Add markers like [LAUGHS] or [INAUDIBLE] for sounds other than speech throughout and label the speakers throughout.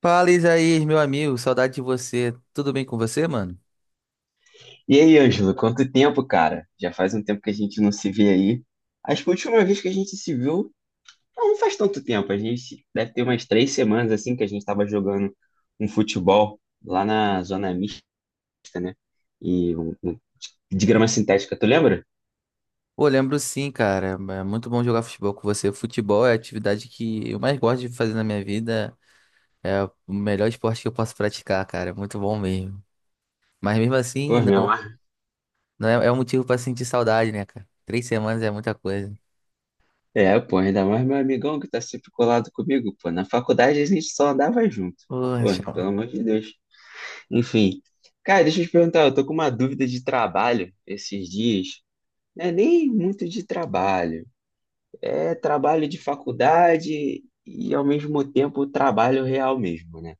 Speaker 1: Fala, Isaías, meu amigo, saudade de você. Tudo bem com você, mano?
Speaker 2: E aí, Ângelo, quanto tempo, cara? Já faz um tempo que a gente não se vê aí. Acho que a última vez que a gente se viu, não faz tanto tempo. A gente deve ter umas 3 semanas assim que a gente estava jogando um futebol lá na zona mista, né? E um- um- de grama sintética, tu lembra?
Speaker 1: Pô, lembro sim, cara. É muito bom jogar futebol com você. Futebol é a atividade que eu mais gosto de fazer na minha vida. É o melhor esporte que eu posso praticar, cara. É muito bom mesmo. Mas mesmo assim,
Speaker 2: Pô, meu
Speaker 1: não,
Speaker 2: amor.
Speaker 1: não é um motivo pra sentir saudade, né, cara? Três semanas é muita coisa.
Speaker 2: É, pô, ainda mais meu amigão que tá sempre colado comigo, pô. Na faculdade a gente só andava junto. Pô,
Speaker 1: Poxa.
Speaker 2: pelo amor de Deus. Enfim. Cara, deixa eu te perguntar, eu tô com uma dúvida de trabalho esses dias. Não é nem muito de trabalho, é trabalho de faculdade e ao mesmo tempo trabalho real mesmo, né?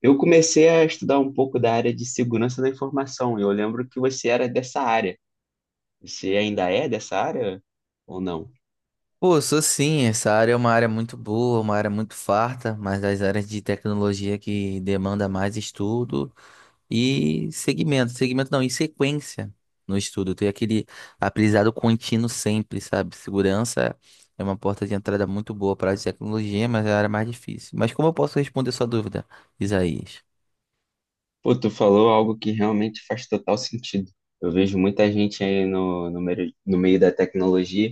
Speaker 2: Eu comecei a estudar um pouco da área de segurança da informação. Eu lembro que você era dessa área. Você ainda é dessa área ou não?
Speaker 1: Pô, sou sim. Essa área é uma área muito boa, uma área muito farta, mas das áreas de tecnologia que demanda mais estudo. E segmento, segmento não, em sequência no estudo, ter aquele aprendizado contínuo sempre, sabe? Segurança é uma porta de entrada muito boa para a área de tecnologia, mas é a área mais difícil. Mas como eu posso responder sua dúvida, Isaías?
Speaker 2: Pô, tu falou algo que realmente faz total sentido. Eu vejo muita gente aí no meio da tecnologia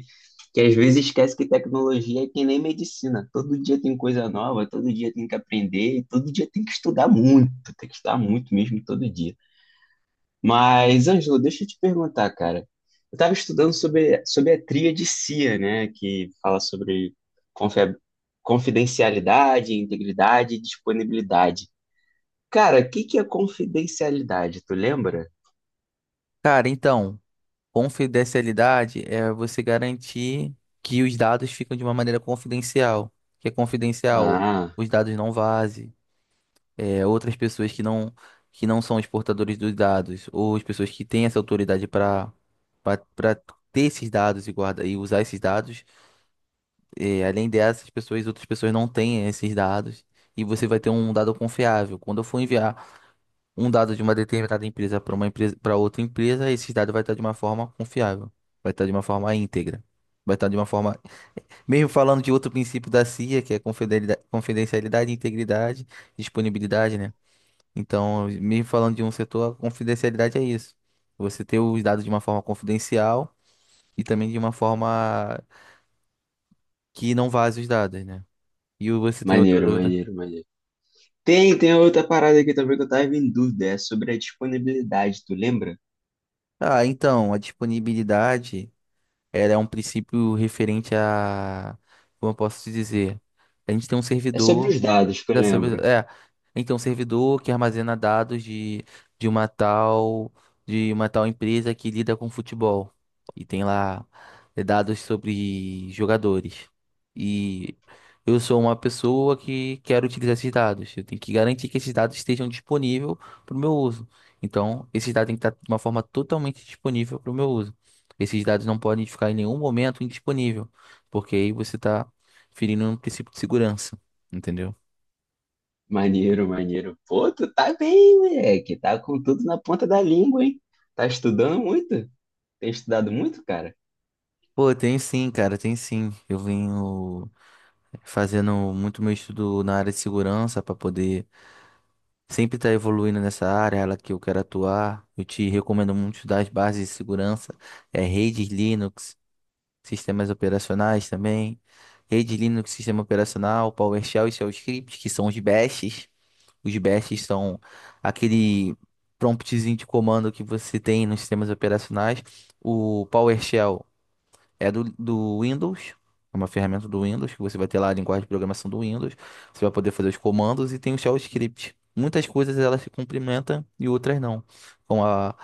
Speaker 2: que às vezes esquece que tecnologia é que nem medicina. Todo dia tem coisa nova, todo dia tem que aprender, e todo dia tem que estudar muito, tem que estudar muito mesmo todo dia. Mas, Ângelo, deixa eu te perguntar, cara. Eu estava estudando sobre a tríade CIA, né, que fala sobre confia- confidencialidade, integridade e disponibilidade. Cara, o que que é confidencialidade? Tu lembra?
Speaker 1: Cara, então, confidencialidade é você garantir que os dados ficam de uma maneira confidencial, que é confidencial,
Speaker 2: Ah,
Speaker 1: os dados não vazem, outras pessoas que não, são os portadores dos dados, ou as pessoas que têm essa autoridade para para ter esses dados e guardar e usar esses dados. Além dessas pessoas, outras pessoas não têm esses dados. E você vai ter um dado confiável. Quando eu for enviar um dado de uma determinada empresa para uma empresa para outra empresa, esse dado vai estar de uma forma confiável, vai estar de uma forma íntegra, vai estar de uma forma, mesmo falando de outro princípio da CIA, que é confidencialidade, integridade, disponibilidade, né? Então, mesmo falando de um setor, a confidencialidade é isso. Você ter os dados de uma forma confidencial e também de uma forma que não vaze os dados, né? E você tem outra
Speaker 2: maneiro,
Speaker 1: dúvida?
Speaker 2: maneiro, maneiro. Tem outra parada aqui também que eu tava em dúvida. É sobre a disponibilidade, tu lembra?
Speaker 1: Ah, então, a disponibilidade, ela é um princípio referente a, como eu posso te dizer, a gente tem um
Speaker 2: É sobre
Speaker 1: servidor.
Speaker 2: os dados que eu
Speaker 1: Da sub...
Speaker 2: lembro.
Speaker 1: É. Então, servidor que armazena dados de uma tal empresa que lida com futebol. E tem lá, dados sobre jogadores. E eu sou uma pessoa que quero utilizar esses dados. Eu tenho que garantir que esses dados estejam disponíveis para o meu uso. Então, esses dados têm que estar de uma forma totalmente disponível para o meu uso. Esses dados não podem ficar em nenhum momento indisponível, porque aí você está ferindo um princípio de segurança, entendeu?
Speaker 2: Maneiro, maneiro. Pô, tu tá bem, moleque. Tá com tudo na ponta da língua, hein? Tá estudando muito? Tem estudado muito, cara?
Speaker 1: Pô, tem sim, cara, tem sim. Eu venho fazendo muito meu estudo na área de segurança para poder sempre estar evoluindo nessa área, ela que eu quero atuar. Eu te recomendo muito estudar as bases de segurança, redes Linux, sistemas operacionais também, rede Linux, sistema operacional, PowerShell e Shell Script, que são os bashes. Os bashes são aquele promptzinho de comando que você tem nos sistemas operacionais. O PowerShell é do Windows, é uma ferramenta do Windows, que você vai ter lá a linguagem de programação do Windows, você vai poder fazer os comandos e tem o shell script. Muitas coisas elas se complementam e outras não, com a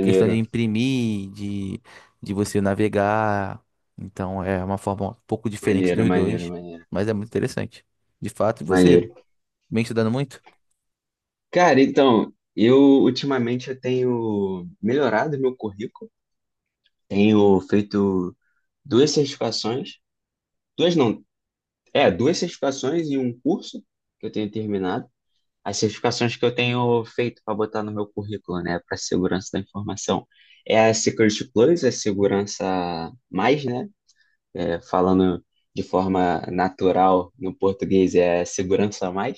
Speaker 1: questão de imprimir, de você navegar. Então é uma forma um pouco diferente
Speaker 2: maneiro,
Speaker 1: dos
Speaker 2: maneiro,
Speaker 1: dois,
Speaker 2: maneiro,
Speaker 1: mas é muito interessante. De fato, e você
Speaker 2: maneiro.
Speaker 1: vem estudando muito?
Speaker 2: Cara, então, eu ultimamente eu tenho melhorado meu currículo. Tenho feito duas certificações, duas não, duas certificações e um curso que eu tenho terminado. As certificações que eu tenho feito para botar no meu currículo, né, para segurança da informação, é a Security Plus, a segurança mais, né, falando de forma natural no português é a segurança mais,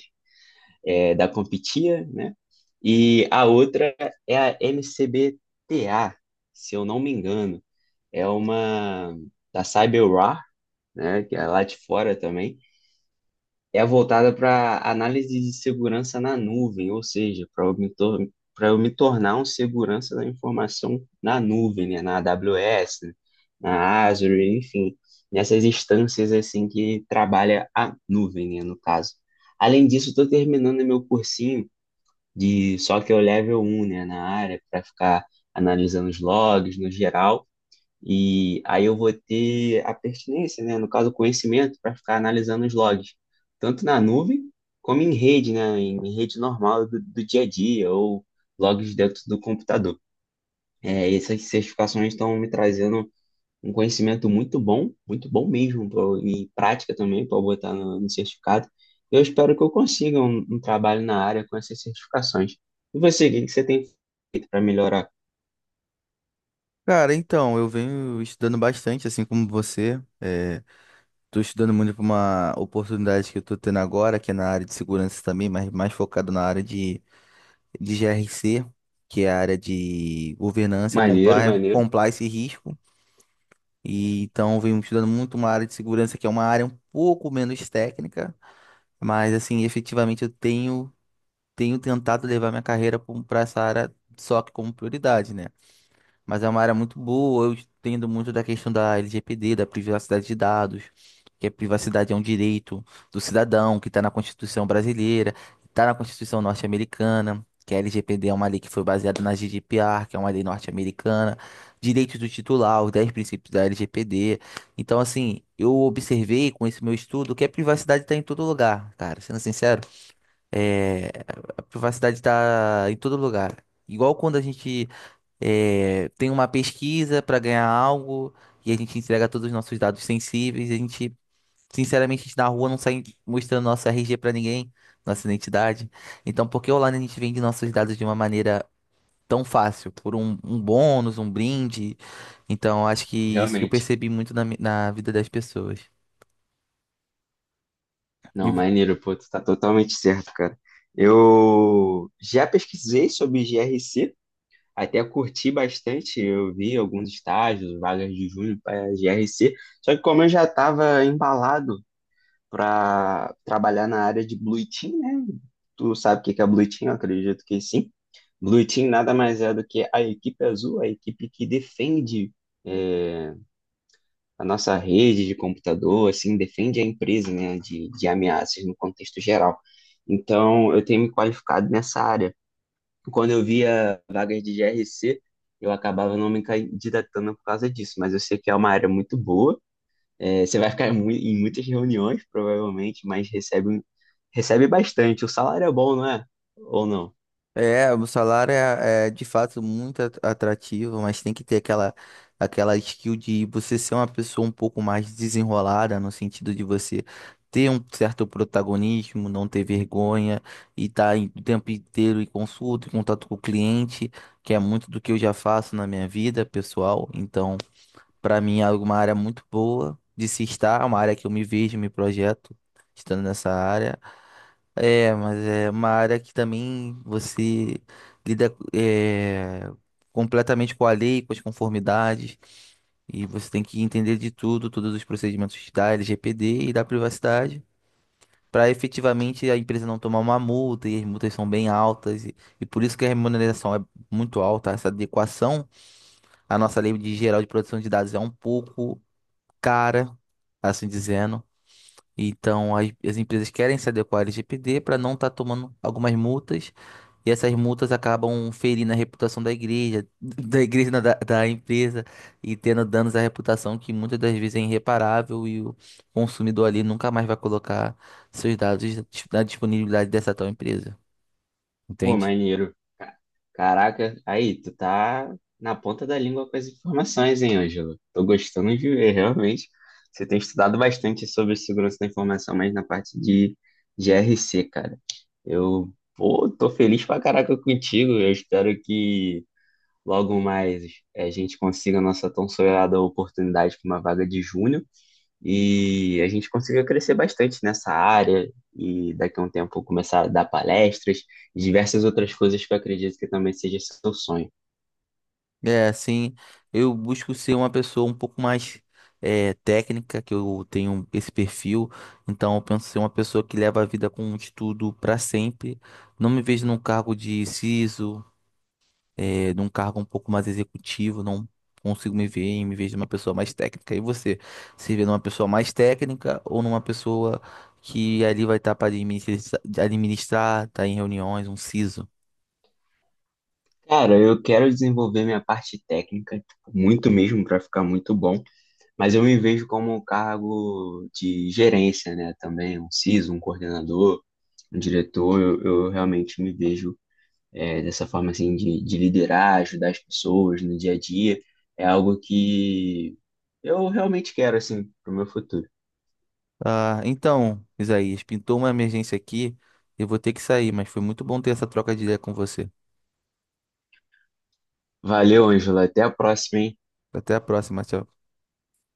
Speaker 2: da competia, né, e a outra é a MCBT-A, se eu não me engano, é uma da CyberWar, né, que é lá de fora também, é voltada para análise de segurança na nuvem, ou seja, para eu, me tor- pra eu me tornar um segurança da informação na nuvem, né, na AWS, né, na Azure, enfim, nessas instâncias assim que trabalha a nuvem, né, no caso. Além disso, estou terminando meu cursinho de só que eu level 1, né, na área para ficar analisando os logs no geral e aí eu vou ter a pertinência, né? No caso, o conhecimento para ficar analisando os logs, tanto na nuvem como em rede, né? Em rede normal do dia a dia ou logs dentro do computador. É, essas certificações estão me trazendo um conhecimento muito bom mesmo, e prática também para botar no certificado. Eu espero que eu consiga um trabalho na área com essas certificações. E você, o que que você tem feito para melhorar?
Speaker 1: Cara, então, eu venho estudando bastante, assim como você. Tô estudando muito para uma oportunidade que eu tô tendo agora, que é na área de segurança também, mas mais focado na área de GRC, que é a área de governança,
Speaker 2: Maneiro,
Speaker 1: compliance,
Speaker 2: maneiro,
Speaker 1: compliance e risco. E então eu venho estudando muito uma área de segurança que é uma área um pouco menos técnica, mas assim, efetivamente eu tenho tentado levar minha carreira para essa área só que como prioridade, né? Mas é uma área muito boa. Eu entendo muito da questão da LGPD, da privacidade de dados, que a privacidade é um direito do cidadão que está na Constituição brasileira, está na Constituição norte-americana, que a LGPD é uma lei que foi baseada na GDPR, que é uma lei norte-americana, direitos do titular, os 10 princípios da LGPD. Então, assim, eu observei com esse meu estudo que a privacidade está em todo lugar, cara. Sendo sincero, a privacidade está em todo lugar. Igual quando a gente, tem uma pesquisa para ganhar algo e a gente entrega todos os nossos dados sensíveis. A gente, sinceramente, a gente na rua não sai mostrando nosso RG para ninguém, nossa identidade. Então, por que online a gente vende nossos dados de uma maneira tão fácil? Por um bônus, um brinde. Então, acho que isso que eu
Speaker 2: realmente.
Speaker 1: percebi muito na, na vida das pessoas.
Speaker 2: Não, maneiro, pô, tu tá totalmente certo, cara. Eu já pesquisei sobre GRC, até curti bastante, eu vi alguns estágios, vagas de junho para GRC, só que como eu já estava embalado para trabalhar na área de Blue Team, né? Tu sabe o que que é Blue Team? Eu acredito que sim. Blue Team nada mais é do que a equipe azul, a equipe que defende é, a nossa rede de computador, assim, defende a empresa, né, de ameaças no contexto geral. Então, eu tenho me qualificado nessa área. Quando eu via vagas de G R C eu acabava não me candidatando por causa disso, mas eu sei que é uma área muito boa. É, você vai ficar em muitas reuniões, provavelmente, mas recebe bastante. O salário é bom, não é? Ou não?
Speaker 1: É, o salário é, de fato muito atrativo, mas tem que ter aquela skill de você ser uma pessoa um pouco mais desenrolada, no sentido de você ter um certo protagonismo, não ter vergonha e estar o tempo inteiro em consulta, em contato com o cliente, que é muito do que eu já faço na minha vida pessoal. Então, para mim é uma área muito boa de se estar, é uma área que eu me vejo, me projeto estando nessa área. É, mas é uma área que também você lida, completamente com a lei, com as conformidades, e você tem que entender de tudo, todos os procedimentos da LGPD e da privacidade, para efetivamente a empresa não tomar uma multa, e as multas são bem altas, e por isso que a remuneração é muito alta, essa adequação à nossa lei de geral de proteção de dados é um pouco cara, assim dizendo. Então, as empresas querem se adequar ao LGPD para não estar tomando algumas multas, e essas multas acabam ferindo a reputação da igreja, [LAUGHS] da igreja, não, da empresa, e tendo danos à reputação que muitas das vezes é irreparável e o consumidor ali nunca mais vai colocar seus dados na disponibilidade dessa tal empresa,
Speaker 2: Pô,
Speaker 1: entende?
Speaker 2: maneiro. Ca- Caraca, aí, tu tá na ponta da língua com as informações, hein, Ângelo? Tô gostando de ver, realmente. Você tem estudado bastante sobre segurança da informação, mas na parte de G R C, cara. Eu, pô, tô feliz pra caraca contigo. Eu espero que logo mais a gente consiga a nossa tão sonhada oportunidade para uma vaga de júnior. E a gente conseguiu crescer bastante nessa área e daqui a um tempo começar a dar palestras e diversas outras coisas que eu acredito que também seja seu sonho.
Speaker 1: É, assim, eu busco ser uma pessoa um pouco mais, técnica, que eu tenho esse perfil, então eu penso ser uma pessoa que leva a vida com um estudo para sempre. Não me vejo num cargo de CISO, num cargo um pouco mais executivo, não consigo me ver e me vejo numa pessoa mais técnica. E você, se vê numa pessoa mais técnica ou numa pessoa que ali vai estar para administrar, administrar, tá em reuniões, um CISO?
Speaker 2: Cara, eu quero desenvolver minha parte técnica, tipo, muito mesmo, para ficar muito bom, mas eu me vejo como um cargo de gerência, né? Também um CISO, um coordenador, um diretor, eu realmente me vejo dessa forma assim de liderar, ajudar as pessoas no dia a dia, é algo que eu realmente quero assim para o meu futuro.
Speaker 1: Ah, então, Isaías, pintou uma emergência aqui. Eu vou ter que sair, mas foi muito bom ter essa troca de ideia com você.
Speaker 2: Valeu, Ângela. Até a próxima, hein?
Speaker 1: Até a próxima, tchau.